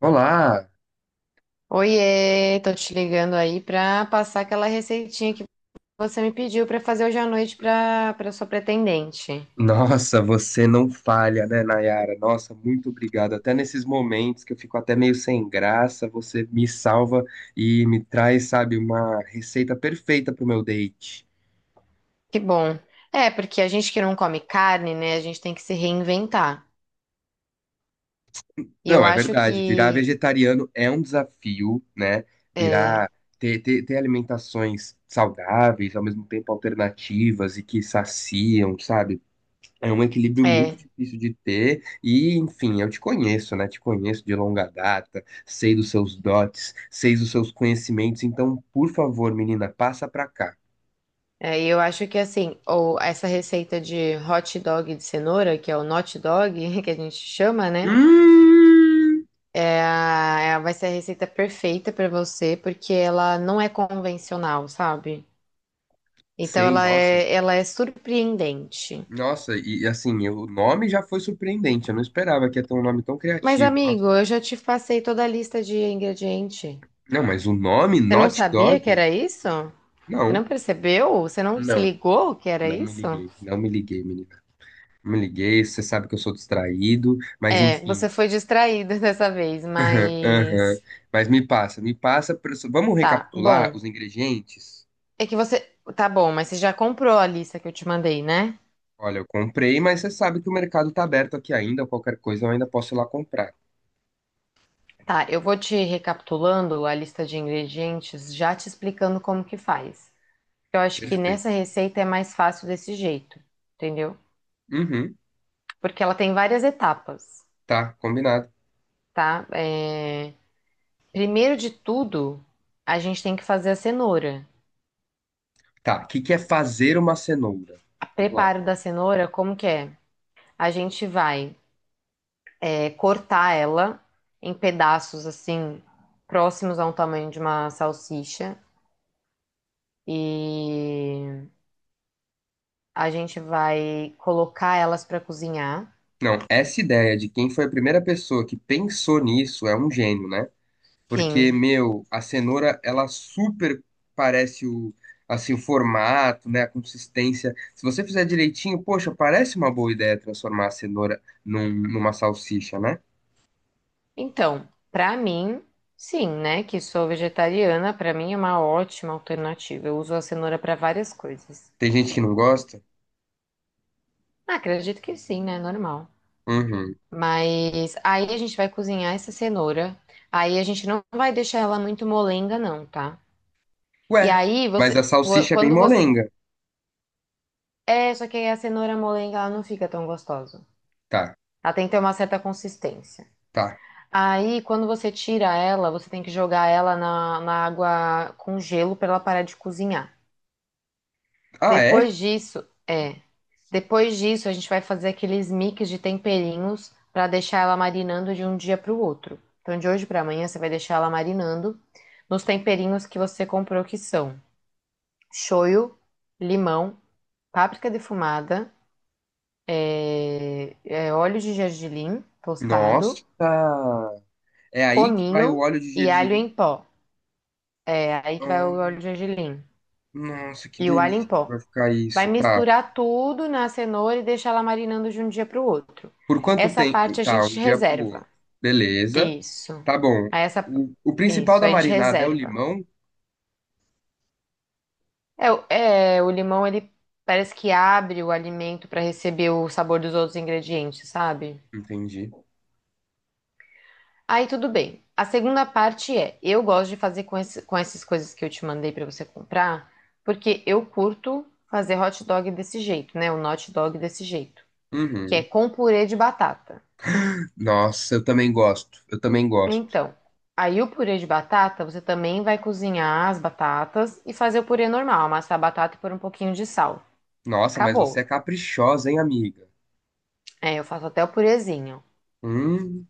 Olá! Oiê, tô te ligando aí pra passar aquela receitinha que você me pediu pra fazer hoje à noite pra para sua pretendente. Nossa, você não falha, né, Nayara? Nossa, muito obrigado. Até nesses momentos que eu fico até meio sem graça, você me salva e me traz, sabe, uma receita perfeita pro meu date. Que bom. É, porque a gente que não come carne, né, a gente tem que se reinventar. E eu Não, é acho verdade, virar que vegetariano é um desafio, né? é, Virar, ter alimentações saudáveis, ao mesmo tempo alternativas e que saciam, sabe? É um equilíbrio muito é, difícil de ter, e enfim, eu te conheço, né? Te conheço de longa data, sei dos seus dotes, sei dos seus conhecimentos, então, por favor, menina, passa pra cá. Assim, ou essa receita de hot dog de cenoura, que é o not dog, que a gente chama, né? Hum, Vai ser a receita perfeita pra você, porque ela não é convencional, sabe? Então sei, ela nossa, é, ela é surpreendente. nossa, e assim, o nome já foi surpreendente, eu não esperava que ia ter um nome tão Mas, criativo. Nossa. amigo, eu já te passei toda a lista de ingrediente. Não, mas o nome, Você não Not sabia Dog? que era isso? Você Não, não percebeu? Você não se não, ligou que era isso? Não me liguei, menina. Não me liguei, você sabe que eu sou distraído, mas É, enfim. você foi distraído dessa vez, Aham. mas Mas me passa. Vamos tá, recapitular bom. os ingredientes? É que você Tá bom, mas você já comprou a lista que eu te mandei, né? Olha, eu comprei, mas você sabe que o mercado tá aberto aqui ainda. Qualquer coisa eu ainda posso ir lá comprar. Tá, eu vou te recapitulando a lista de ingredientes, já te explicando como que faz. Eu acho que Perfeito. nessa receita é mais fácil desse jeito, entendeu? Uhum. Porque ela tem várias etapas, Tá, combinado. tá? Primeiro de tudo, a gente tem que fazer a cenoura. Tá, o que que é fazer uma cenoura? O Vamos lá. preparo da cenoura, como que é? A gente vai cortar ela em pedaços assim, próximos ao tamanho de uma salsicha. E a gente vai colocar elas para cozinhar. Não, essa ideia de quem foi a primeira pessoa que pensou nisso é um gênio, né? Porque, Sim. meu, a cenoura, ela super parece o, assim, o formato, né, a consistência. Se você fizer direitinho, poxa, parece uma boa ideia transformar a cenoura numa salsicha, né? Então, para mim, sim, né? Que sou vegetariana, para mim é uma ótima alternativa. Eu uso a cenoura para várias coisas. Tem gente que não gosta. Ah, acredito que sim, né? Normal. Uhum. Mas aí a gente vai cozinhar essa cenoura. Aí a gente não vai deixar ela muito molenga, não, tá? E Ué, aí mas a você. Vo- salsicha é bem Quando você. molenga. É, só que aí a cenoura molenga ela não fica tão gostosa. Tá, Ela tem que ter uma certa consistência. tá. Aí, quando você tira ela, você tem que jogar ela na água com gelo pra ela parar de cozinhar. Ah, é? Depois disso, é. Depois disso, a gente vai fazer aqueles mix de temperinhos para deixar ela marinando de um dia para o outro. Então, de hoje para amanhã, você vai deixar ela marinando nos temperinhos que você comprou, que são shoyu, limão, páprica defumada, óleo de gergelim tostado, Nossa. É aí que vai o cominho óleo de e alho gergelim. em pó. É aí que vai o Ah, óleo de gergelim. nossa, que E o alho em delícia que pó. vai ficar Vai isso. Tá. misturar tudo na cenoura e deixar ela marinando de um dia para o outro. Por quanto Essa tempo? parte a Tá, um gente dia pro outro. reserva. Beleza. Isso. Tá bom. Aí essa, O principal isso, da a gente marinada é o reserva. limão? O limão ele parece que abre o alimento para receber o sabor dos outros ingredientes, sabe? Entendi. Aí tudo bem. A segunda parte é, eu gosto de fazer com essas coisas que eu te mandei para você comprar, porque eu curto fazer hot dog desse jeito, né? O hot dog desse jeito, que é Uhum. com purê de batata. Nossa, eu também gosto. Eu também gosto. Então, aí o purê de batata, você também vai cozinhar as batatas e fazer o purê normal, amassar a batata e pôr um pouquinho de sal. Nossa, mas você é Acabou. caprichosa, hein, amiga? É, eu faço até o purezinho. Hum,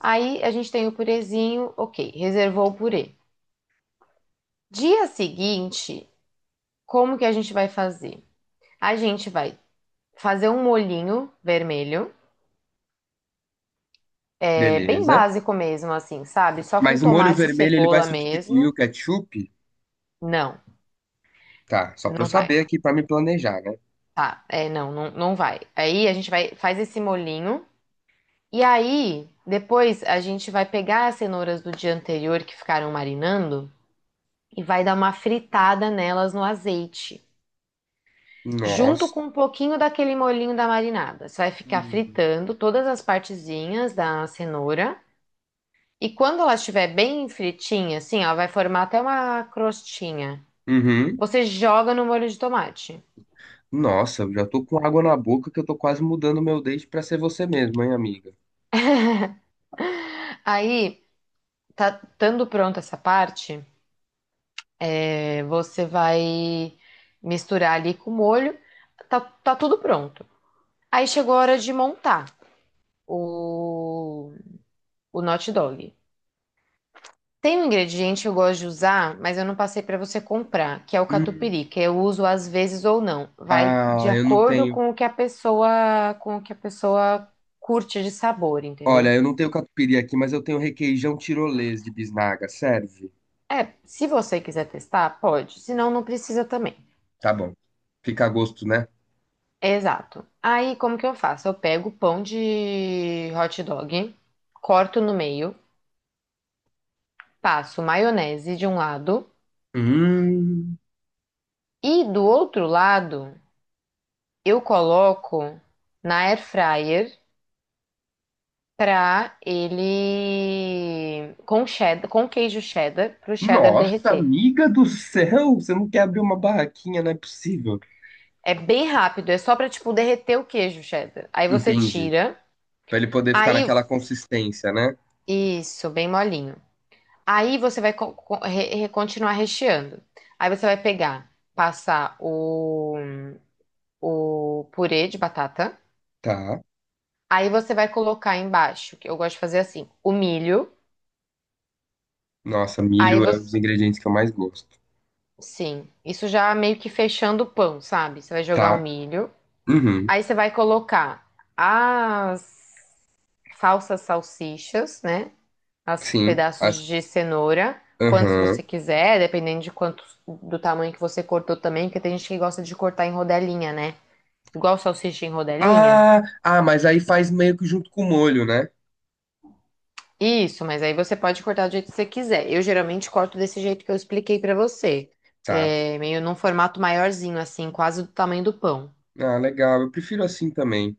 Aí a gente tem o purezinho, ok, reservou o purê. Dia seguinte, como que a gente vai fazer? A gente vai fazer um molhinho vermelho, é bem beleza. básico mesmo, assim, sabe? Só com Mas o molho tomate e vermelho ele vai cebola substituir mesmo. o ketchup? Não, Tá, só pra eu não vai. saber aqui pra me planejar, né? Tá, é, não, não vai. Aí a gente vai, faz esse molhinho. E aí, depois a gente vai pegar as cenouras do dia anterior que ficaram marinando e vai dar uma fritada nelas no azeite, junto com Nossa. um pouquinho daquele molhinho da marinada. Você vai ficar fritando todas as partezinhas da cenoura e quando ela estiver bem fritinha, assim, ela vai formar até uma crostinha. Uhum. Você joga no molho de tomate. Nossa, eu já tô com água na boca que eu tô quase mudando meu date pra ser você mesmo, hein, amiga? Aí, tá estando pronta essa parte, você vai misturar ali com o molho. Tá, tá tudo pronto. Aí chegou a hora de montar o, o hot dog. Tem um ingrediente que eu gosto de usar, mas eu não passei para você comprar, que é o Hum. catupiry, que eu uso às vezes ou não. Vai Ah, de eu não acordo tenho. com o que a pessoa, com o que a pessoa curte de sabor, Olha, entendeu? eu não tenho catupiry aqui, mas eu tenho requeijão tirolês de bisnaga. Serve? É, se você quiser testar, pode. Se não, não precisa também. Tá bom. Fica a gosto, né? Exato. Aí, como que eu faço? Eu pego o pão de hot dog, corto no meio, passo maionese de um lado Hum, e do outro lado eu coloco na air fryer pra ele com cheddar, com queijo cheddar, pro cheddar nossa, derreter. amiga do céu! Você não quer abrir uma barraquinha, não é possível. É bem rápido, é só pra, tipo, derreter o queijo cheddar. Aí você Entendi. tira, Pra ele poder ficar aí, naquela consistência, né? isso, bem molinho. Aí você vai continuar recheando. Aí você vai pegar, passar o purê de batata. Tá. Aí você vai colocar embaixo, que eu gosto de fazer assim, o milho. Nossa, Aí milho é um dos você ingredientes que eu mais gosto. Sim, isso já meio que fechando o pão, sabe? Você vai jogar o Tá. milho, Uhum. aí você vai colocar as falsas salsichas, né? As Sim. pedaços As... de cenoura, quantos Uhum. você quiser, dependendo de quanto do tamanho que você cortou também, porque tem gente que gosta de cortar em rodelinha, né? Igual salsicha em rodelinha. Ah, ah, mas aí faz meio que junto com o molho, né? Isso, mas aí você pode cortar do jeito que você quiser. Eu geralmente corto desse jeito que eu expliquei pra você, Tá. Meio num formato maiorzinho, assim, quase do tamanho do pão. Ah, legal. Eu prefiro assim também.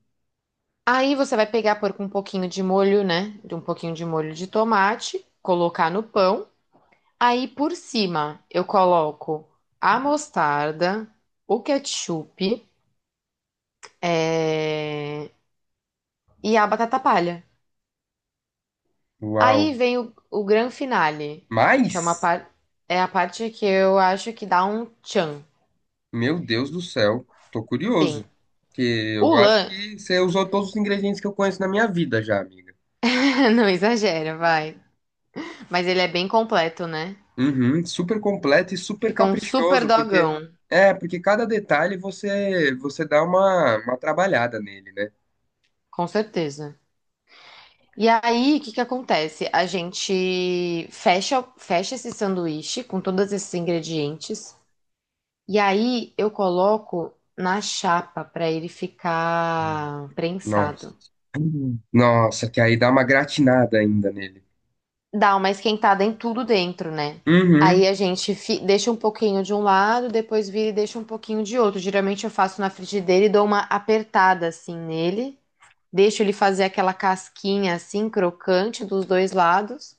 Aí você vai pegar, pôr com um pouquinho de molho, né? De um pouquinho de molho de tomate, colocar no pão. Aí por cima eu coloco a mostarda, o ketchup, é, e a batata palha. Uau. Aí vem o gran finale, que é uma Mas, é a parte que eu acho que dá um tchan. meu Deus do céu, tô Sim. curioso. Porque O eu acho lã, que você usou todos os ingredientes que eu conheço na minha vida já, amiga. não exagera, vai. Mas ele é bem completo, né? Uhum, super completo e super Fica um super caprichoso, porque dogão, é, porque cada detalhe você dá uma trabalhada nele, né? com certeza. E aí, o que que acontece? A gente fecha esse sanduíche com todos esses ingredientes. E aí, eu coloco na chapa para ele Hum. ficar Nossa. prensado. Nossa, que aí dá uma gratinada ainda nele. Dá uma esquentada em tudo dentro, né? Uhum. Aí a gente deixa um pouquinho de um lado, depois vira e deixa um pouquinho de outro. Geralmente eu faço na frigideira e dou uma apertada assim nele. Deixo ele fazer aquela casquinha assim, crocante dos dois lados.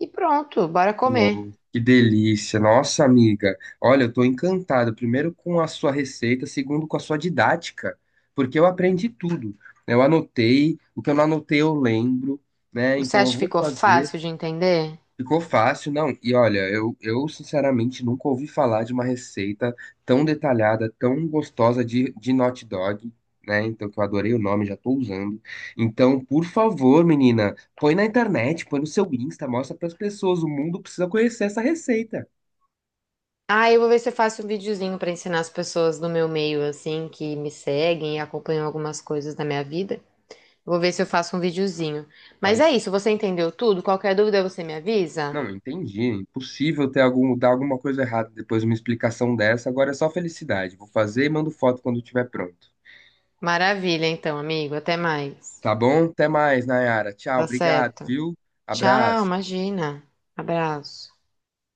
E pronto, bora comer. Não, que delícia, nossa amiga. Olha, eu tô encantado, primeiro com a sua receita, segundo com a sua didática, porque eu aprendi tudo. Eu anotei, o que eu não anotei eu lembro, né? Você Então acha eu que vou ficou fazer. fácil de entender? Ficou fácil, não. E olha, eu sinceramente nunca ouvi falar de uma receita tão detalhada, tão gostosa de hot dog, né? Então, que eu adorei o nome, já tô usando. Então, por favor, menina, põe na internet, põe no seu Insta, mostra para as pessoas. O mundo precisa conhecer essa receita. Ah, eu vou ver se eu faço um videozinho pra ensinar as pessoas do meu meio, assim, que me seguem e acompanham algumas coisas da minha vida. Vou ver se eu faço um videozinho. Mas é Faz. isso, você entendeu tudo? Qualquer dúvida você me avisa? Não, entendi. Impossível dar alguma coisa errada depois de uma explicação dessa. Agora é só felicidade. Vou fazer e mando foto quando estiver pronto. Maravilha, então, amigo. Até mais. Tá bom? Até mais, Nayara. Tchau, Tá obrigado, certo. viu? Tchau, Abraço. imagina. Abraço.